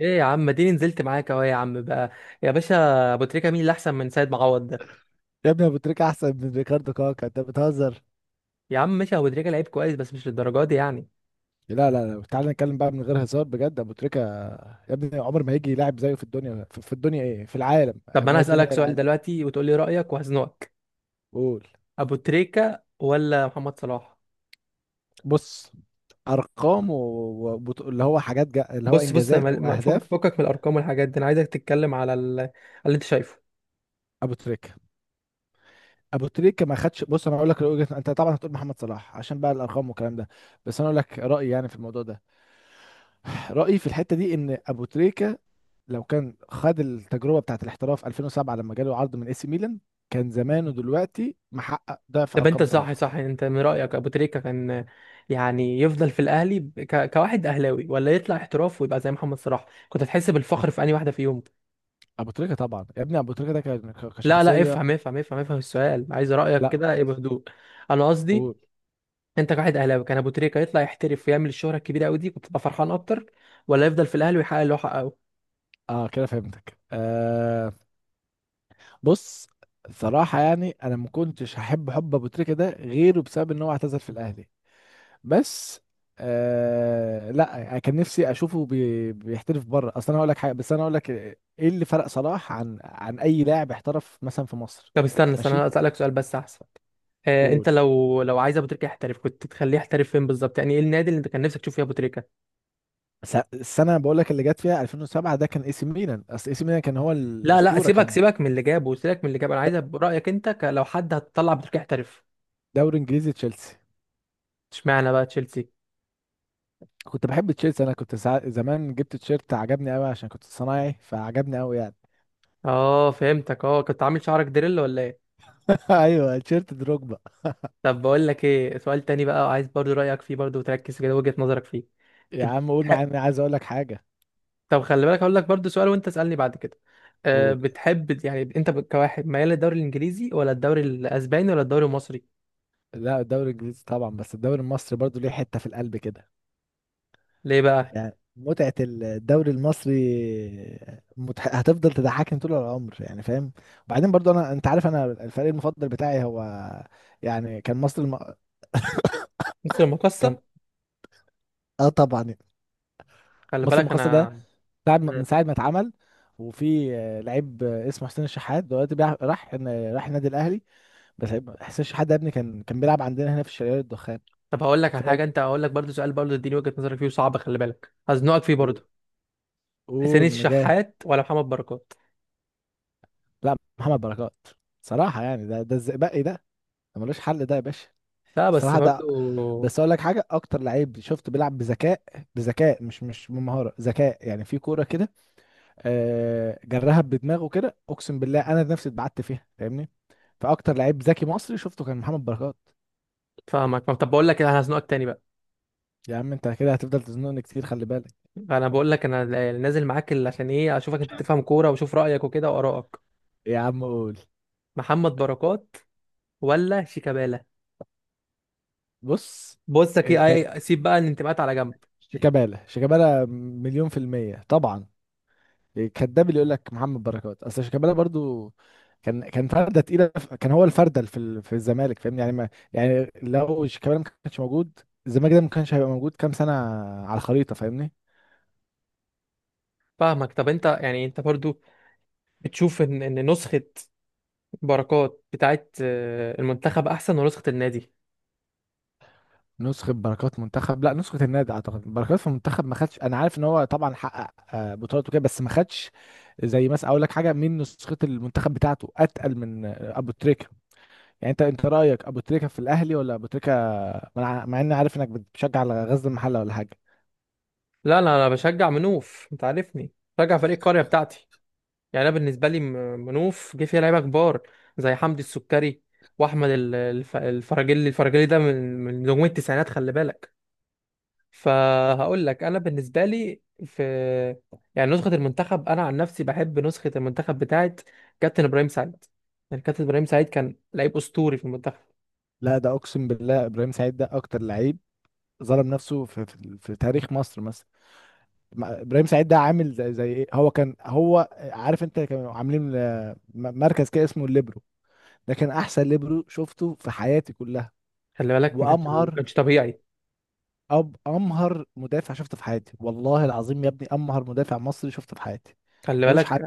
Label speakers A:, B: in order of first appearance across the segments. A: ايه يا عم اديني نزلت معاك اهو يا عم بقى. يا باشا، ابو تريكه مين اللي احسن من سيد معوض ده؟
B: يا ابني ابو تريكة احسن من ريكاردو كاكا، انت بتهزر.
A: يا عم ماشي، ابو تريكه لعيب كويس بس مش للدرجه دي يعني.
B: لا لا لا، تعالى نتكلم بقى من غير هزار بجد. ابو تريكة يا ابني عمر ما هيجي يلاعب زيه في الدنيا، في الدنيا، ايه في العالم،
A: طب ما
B: ما
A: انا
B: هي الدنيا
A: هسالك
B: هي
A: سؤال
B: العالم.
A: دلوقتي وتقول لي رايك وهزنقك.
B: قول.
A: ابو تريكه ولا محمد صلاح؟
B: بص، ارقام و... و... وبط- اللي هو حاجات جا... اللي هو
A: بص بص، انا
B: انجازات
A: فكك
B: واهداف.
A: فكك من الارقام والحاجات دي، انا عايزك تتكلم على اللي انت شايفه.
B: ابو تريكة، ما خدش. بص انا اقول لك انت طبعا هتقول محمد صلاح عشان بقى الارقام والكلام ده، بس انا اقول لك رايي يعني في الموضوع ده. رايي في الحته دي ان ابو تريكة لو كان خد التجربه بتاعت الاحتراف 2007 لما جاله عرض من اي سي ميلان، كان زمانه دلوقتي محقق ضعف
A: طب انت
B: ارقام
A: صح
B: صلاح.
A: صح، انت من رايك ابو تريكه كان يعني يفضل في الاهلي كواحد اهلاوي، ولا يطلع احتراف ويبقى زي محمد صلاح؟ كنت هتحس بالفخر في انهي واحده فيهم؟
B: ابو تريكه طبعا، يا ابني ابو تريكه ده كان
A: لا لا،
B: كشخصيه.
A: افهم افهم افهم افهم السؤال، عايز رأيك
B: لا
A: كده ايه
B: بس-
A: بهدوء. انا قصدي،
B: قول.
A: انت كواحد اهلاوي كان ابو تريكة يطلع يحترف ويعمل الشهرة الكبيرة قوي دي، كنت تبقى فرحان اكتر، ولا يفضل في الاهلي ويحقق اللي هو حققه؟
B: اه كده فهمتك. آه بص، صراحه يعني انا ما كنتش هحب حب ابو تريكه ده غيره بسبب ان هو اعتزل في الاهلي، بس آه لا، كان نفسي اشوفه بي بيحترف بره. اصل انا هقول لك حاجه، بس انا هقول لك ايه اللي فرق صلاح عن اي لاعب احترف مثلا في مصر.
A: طب استنى استنى،
B: ماشي.
A: انا اسالك سؤال بس احسن. آه، انت
B: قول.
A: لو عايز ابو تريكة يحترف، كنت تخليه يحترف فين بالظبط؟ يعني ايه النادي اللي انت كان نفسك تشوف فيه ابو تريكة؟
B: السنه بقول لك اللي جت فيها 2007، ده كان اي سي ميلان، اصل اي سي ميلان كان هو
A: لا لا،
B: الاسطوره
A: سيبك
B: كان.
A: سيبك من اللي جابه، سيبك من اللي جابه، انا عايز
B: د-
A: رأيك انت، لو حد هتطلع ابو تريكة يحترف.
B: دوري انجليزي، تشيلسي.
A: اشمعنى بقى تشيلسي؟
B: كنت بحب تشيلسي، انا كنت ساعة زمان جبت تيشيرت عجبني قوي عشان كنت صنايعي فعجبني قوي يعني.
A: اه فهمتك، اه كنت عامل شعرك دريل ولا ايه؟
B: ايوه، تيشيرت دروجبا.
A: طب بقول لك ايه، سؤال تاني بقى وعايز برضو رأيك فيه برضو، وتركز كده وجهة نظرك فيه.
B: يا عم قول معايا،
A: بتح...
B: انا عايز اقول لك حاجه.
A: طب خلي بالك، هقول لك برضو سؤال وانت اسألني بعد كده. أه،
B: قول.
A: بتحب يعني انت كواحد ميال للدوري الانجليزي، ولا الدوري الاسباني، ولا الدوري المصري؟
B: لا الدوري الانجليزي طبعا، بس الدوري المصري برضو ليه حته في القلب كده.
A: ليه بقى؟
B: يعني متعة الدوري المصري هتفضل تضحكني طول العمر يعني فاهم. وبعدين برضو انا، انت عارف انا الفريق المفضل بتاعي هو، يعني كان مصر
A: مصر
B: كان.
A: المقصة.
B: اه طبعا.
A: خلي
B: مصر
A: بالك
B: المقاصة ده
A: انا.
B: ساعة ما-
A: مم.
B: من ساعة ما اتعمل، وفي آه، لعيب آه، اسمه حسين الشحات دلوقتي راح النادي الاهلي. بس حسين الشحات ده يا ابني كان بيلعب عندنا هنا في الشرقية الدخان.
A: طب هقول لك على
B: فرقة.
A: حاجة، انت هقول لك برضو سؤال برضو، اديني وجهة نظرك فيه وصعب، خلي بالك هزنقك فيه برضو. حسين
B: قول مجاهد.
A: الشحات ولا محمد بركات؟
B: لا محمد بركات. صراحة يعني ده الزئبقي ده، ده ملوش حل ده يا باشا.
A: لا بس
B: الصراحه ده،
A: برضو.
B: بس اقول لك حاجه، اكتر لعيب شفته بيلعب بذكاء. بذكاء، مش بمهاره، ذكاء يعني في كوره كده. آه، جرها بدماغه كده اقسم بالله انا نفسي اتبعت فيها فاهمني. فاكتر لعيب ذكي مصري شفته كان محمد بركات.
A: فاهمك. طب بقول لك انا هزنقك تاني بقى.
B: يا عم انت كده هتفضل تزنقني كتير، خلي بالك.
A: انا بقول لك، انا نازل معاك عشان ايه، اشوفك انت بتفهم كوره واشوف رايك وكده وارائك.
B: يا عم قول.
A: محمد بركات ولا شيكابالا؟
B: بص.
A: بصك ايه
B: الكد.
A: اي، سيب بقى الانتماءات على جنب.
B: شيكابالا مليون في المية طبعا. كداب اللي يقول لك محمد بركات، اصل شيكابالا برضو كان فرده تقيله، كان هو الفرده في في الزمالك فاهمني. يعني ما يعني لو شيكابالا ما كانش موجود، الزمالك ده ما كانش هيبقى موجود كام سنه على الخريطه فاهمني.
A: فاهمك. طب انت يعني انت برضو بتشوف ان نسخه بركات بتاعت المنتخب احسن، ونسخه النادي؟
B: نسخه بركات منتخب؟ لا نسخه النادي. اعتقد بركات في المنتخب ما خدش، انا عارف ان هو طبعا حقق آه، بطولات وكده، بس ما خدش. زي مثلا اقول لك حاجه، من نسخه المنتخب بتاعته اتقل من آه، ابو تريكه. يعني انت، رايك ابو تريكه في الاهلي ولا ابو تريكه، مع اني عارف انك بتشجع على غزل المحله ولا حاجه.
A: لا لا، انا بشجع منوف، انت عارفني، بشجع فريق القريه بتاعتي. يعني انا بالنسبه لي منوف جه فيها لعيبه كبار، زي حمدي السكري، واحمد الفراجيلي. الفراجيلي ده من نجوم التسعينات خلي بالك. فهقول لك انا بالنسبه لي في، يعني نسخه المنتخب، انا عن نفسي بحب نسخه المنتخب بتاعت كابتن ابراهيم سعيد. يعني كابتن ابراهيم سعيد كان لعيب اسطوري في المنتخب.
B: لا ده اقسم بالله ابراهيم سعيد ده اكتر لعيب ظلم نفسه في, تاريخ مصر مثلا. ابراهيم سعيد ده عامل زي, ايه، هو كان هو عارف انت كانوا عاملين آه، مركز كده اسمه الليبرو. ده كان احسن ليبرو شفته في حياتي كلها.
A: خلي بالك ما كانش ما
B: وامهر
A: كانش طبيعي.
B: امهر مدافع شفته في حياتي، والله العظيم يا ابني امهر مدافع مصري شفته في حياتي.
A: خلي
B: ملوش
A: بالك
B: حد.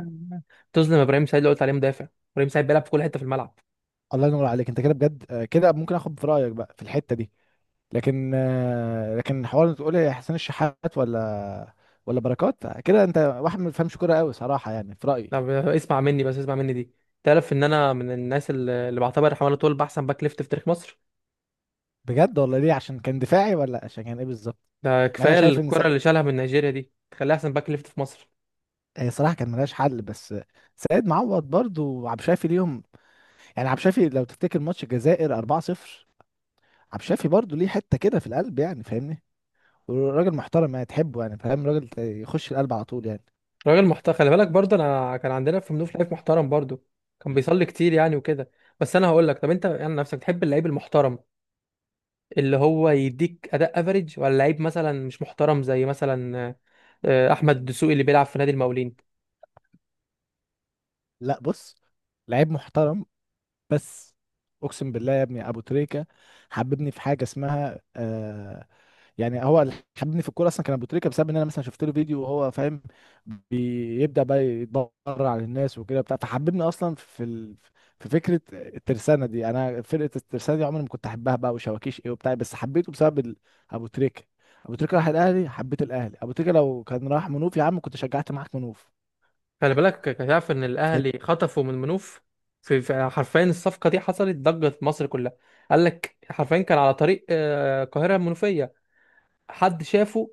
A: تظلم ابراهيم سعيد اللي قلت عليه مدافع، ابراهيم سعيد بيلعب في كل حته في الملعب.
B: الله ينور عليك، انت كده بجد آه، كده ممكن اخد في رايك بقى في الحته دي. لكن آه، حوار تقول لي حسين الشحات ولا بركات كده، انت واحد ما بيفهمش كوره قوي صراحه يعني في رايي.
A: طب اسمع مني بس، اسمع مني دي، تعرف ان انا من الناس اللي بعتبر حماده طول احسن باك ليفت في تاريخ مصر؟
B: بجد؟ ولا ليه، عشان كان دفاعي ولا عشان كان ايه بالظبط؟
A: ده
B: مع إن انا
A: كفايه
B: شايف ان
A: الكره اللي شالها من نيجيريا دي تخليها احسن باك ليفت في مصر.
B: هي صراحه كان ملهاش حل، بس سيد معوض برضو وعبد الشافي ليهم. يعني عبد الشافي لو تفتكر ماتش الجزائر 4-0، عبد الشافي برضو ليه حته كده في القلب يعني فاهمني. وراجل محترم يعني تحبه يعني فاهم، راجل يخش القلب على طول يعني.
A: راجل محترم خلي بالك، برضه انا كان عندنا في منوف لعيب محترم برضه، كان بيصلي كتير يعني وكده. بس انا هقول لك، طب انت يعني نفسك تحب اللعيب المحترم اللي هو يديك اداء افريج، ولا لعيب مثلا مش محترم زي مثلا احمد دسوقي اللي بيلعب في نادي المقاولين؟
B: لا بص، لعيب محترم. بس اقسم بالله يا ابني ابو تريكه حببني في حاجه اسمها آه، يعني هو اللي حببني في الكوره اصلا كان ابو تريكه، بسبب ان انا مثلا شفت له فيديو وهو فاهم بيبدا بقى يتبرع على الناس وكده بتاع، فحببني اصلا في في فكره الترسانه دي. انا فرقه الترسانه دي عمري ما كنت احبها بقى، وشواكيش ايه وبتاع، بس حبيته بسبب ابو تريكه. ابو تريكه راح الاهلي حبيت الاهلي، ابو تريكه لو كان راح منوف يا عم كنت شجعت معاك منوف.
A: خلي بالك، تعرف ان
B: فاهم؟
A: الاهلي خطفوا من منوف؟ حرفيا الصفقه دي حصلت ضجه في مصر كلها. قال لك حرفيا كان على طريق القاهره المنوفيه، حد شافه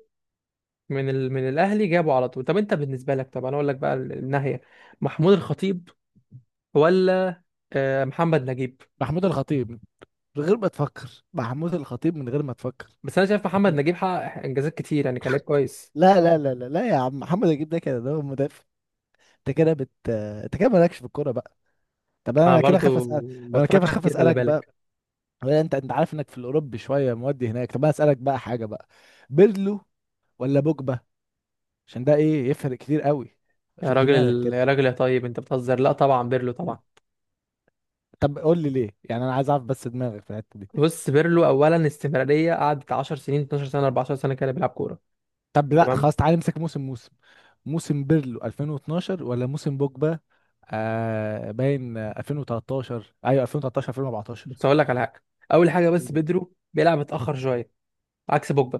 A: من من الاهلي جابه على طول. طب انت بالنسبه لك، طب انا اقول لك بقى الناحيه، محمود الخطيب ولا محمد نجيب؟
B: محمود الخطيب. من غير ما تفكر، محمود الخطيب من غير ما تفكر.
A: بس انا شايف محمد نجيب حقق انجازات كتير يعني، كان لعيب كويس.
B: لا لا لا لا لا يا عم، محمد الجيب ده كده ده هو مدافع. انت كده انت كده مالكش في الكوره بقى. طب
A: انا
B: انا كده خاف
A: برضو
B: اسال.
A: ما
B: انا كده
A: بتفرجش
B: خاف
A: كتير خلي
B: اسالك
A: بالك.
B: بقى. ولا انت، عارف انك في الاوروبي شويه مودي هناك. طب انا اسالك بقى حاجه بقى، بيرلو ولا بوجبا؟ عشان ده ايه يفرق كتير قوي.
A: يا
B: شوف دماغك
A: راجل
B: كده.
A: يا راجل يا طيب، انت بتهزر؟ لا طبعا بيرلو طبعا.
B: طب قول لي ليه يعني انا عايز اعرف بس دماغك في الحته دي.
A: بص، بيرلو اولا استمراريه، قعدت 10 سنين 12 سنه 14 سنه كده بيلعب كوره.
B: طب لا
A: تمام.
B: خلاص، تعالى نمسك موسم موسم بيرلو 2012 ولا موسم بوجبا. آه باين آه، 2013، ايوه 2013 2014.
A: بس هقول لك على حاجه، اول حاجه بس بيدرو بيلعب متاخر شويه، عكس بوجبا.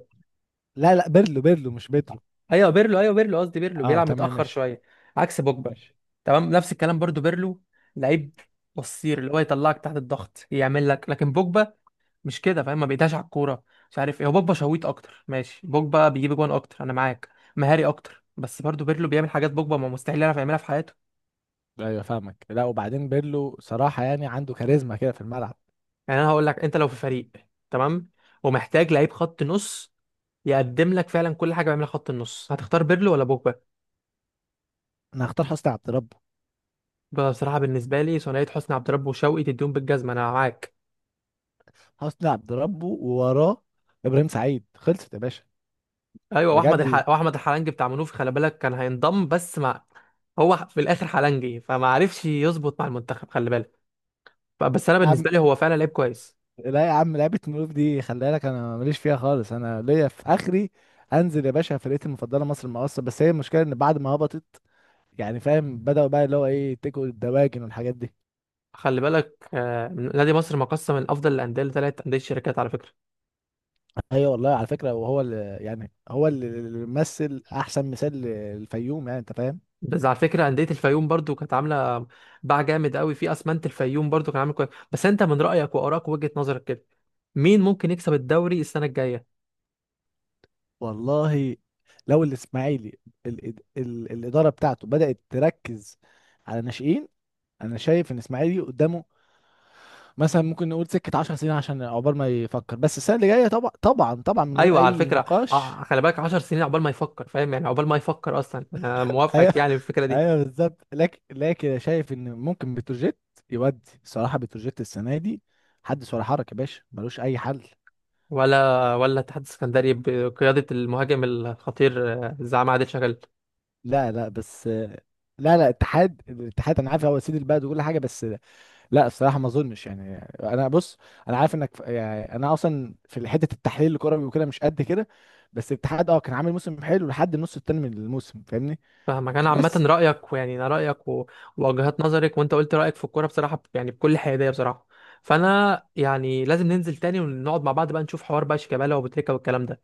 B: لا لا، بيرلو مش بيدرو.
A: ايوه بيرلو، ايوه بيرلو قصدي، بيرلو
B: اه
A: بيلعب
B: تمام
A: متاخر
B: ماشي.
A: شويه عكس بوجبا.
B: ماشي.
A: تمام. نفس الكلام برضو، بيرلو لعيب قصير اللي هو يطلعك تحت الضغط، يعمل لك، لكن بوجبا مش كده فاهم، ما بيدهش على الكوره، مش عارف ايه هو. بوجبا شويت اكتر، ماشي، بوجبا بيجيب جوان اكتر انا معاك، مهاري اكتر، بس برضو بيرلو بيعمل حاجات بوجبا ما مستحيل يعرف يعملها في حياته.
B: ايوه فاهمك. لا وبعدين بيرلو صراحه يعني عنده كاريزما كده في الملعب.
A: يعني انا هقول لك، انت لو في فريق، تمام، ومحتاج لعيب خط نص يقدم لك فعلا كل حاجه بيعملها خط النص، هتختار بيرلو ولا بوجبا؟
B: انا هختار حسني عبد ربه.
A: بصراحه بالنسبه لي ثنائيه حسني عبد ربه وشوقي تديهم بالجزمه، انا معاك.
B: حسني عبد ربه، ووراه ابراهيم سعيد. خلصت يا باشا.
A: ايوه
B: بجد يا
A: واحمد الحلنجي بتاع منوفي خلي بالك، كان هينضم بس مع، هو في الاخر حلنجي فما عرفش يظبط مع المنتخب خلي بالك. بس انا
B: عم.
A: بالنسبه لي هو فعلا لعيب كويس.
B: لا يا عم لعبه ملوك دي خلي بالك انا ماليش فيها خالص، انا ليا في اخري. انزل يا باشا، فرقتي المفضله مصر المقاصه، بس هي المشكله ان بعد ما هبطت يعني فاهم، بدأوا بقى اللي هو ايه تكوا الدواجن والحاجات دي.
A: خلي بالك نادي مصر مقسم من افضل الانديه لثلاث انديه شركات على فكره.
B: ايوه والله، على فكره وهو اللي يعني هو اللي مثل احسن مثال للفيوم يعني انت فاهم.
A: بس على فكره انديه الفيوم برضو كانت عامله باع جامد قوي، في اسمنت الفيوم برضو كان عامل كويس. بس انت من رايك وارائك وجهه نظرك كده، مين ممكن يكسب الدوري السنه الجايه؟
B: والله لو الاسماعيلي ال الاداره بتاعته بدات تركز على ناشئين، انا شايف ان الاسماعيلي قدامه مثلا ممكن نقول سكه 10 سنين عشان عقبال ما يفكر، بس السنه اللي جايه طبعا طبعا طبعا من غير
A: ايوه على
B: اي
A: فكره
B: نقاش.
A: خلي بالك 10 سنين عقبال ما يفكر، فاهم يعني عقبال ما يفكر اصلا، انا
B: ايوه.
A: موافقك يعني في الفكره دي.
B: ايوه بالظبط. لكن شايف ان ممكن بتروجيت يودي، صراحه بتروجيت السنه دي حدث ولا حرج يا باشا ملوش اي حل.
A: ولا اتحاد السكندري بقياده المهاجم الخطير زعيم عادل شغال.
B: لا لا بس، لا لا اتحاد، الاتحاد انا عارف هو سيد البلد وكل حاجه، بس لا الصراحه ما اظنش يعني. انا بص، انا عارف انك يعني انا اصلا في حته التحليل الكروي وكده مش قد كده، بس الاتحاد اه كان عامل موسم حلو لحد النص التاني من الموسم فاهمني.
A: فاهمك. انا عامه
B: بس
A: رايك ويعني انا رايك ووجهات نظرك، وانت قلت رايك في الكوره بصراحه، يعني بكل حياديه بصراحه. فانا يعني لازم ننزل تاني ونقعد مع بعض بقى، نشوف حوار بقى شيكابالا وبوتريكا والكلام ده.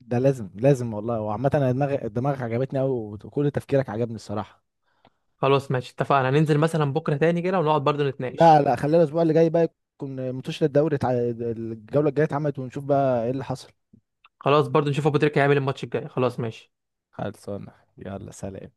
B: ده لازم لازم والله. وعامه انا دماغك عجبتني قوي، وكل تفكيرك عجبني الصراحه.
A: خلاص ماشي اتفقنا، هننزل مثلا بكره تاني كده ونقعد برضو نتناقش.
B: لا لا خلينا الاسبوع اللي جاي بقى، يكون منتشر الدوري الجوله الجايه اتعملت ونشوف بقى ايه اللي حصل.
A: خلاص برضو نشوف أبو تريكة هيعمل الماتش الجاي. خلاص ماشي.
B: خلصانه. يلا سلام.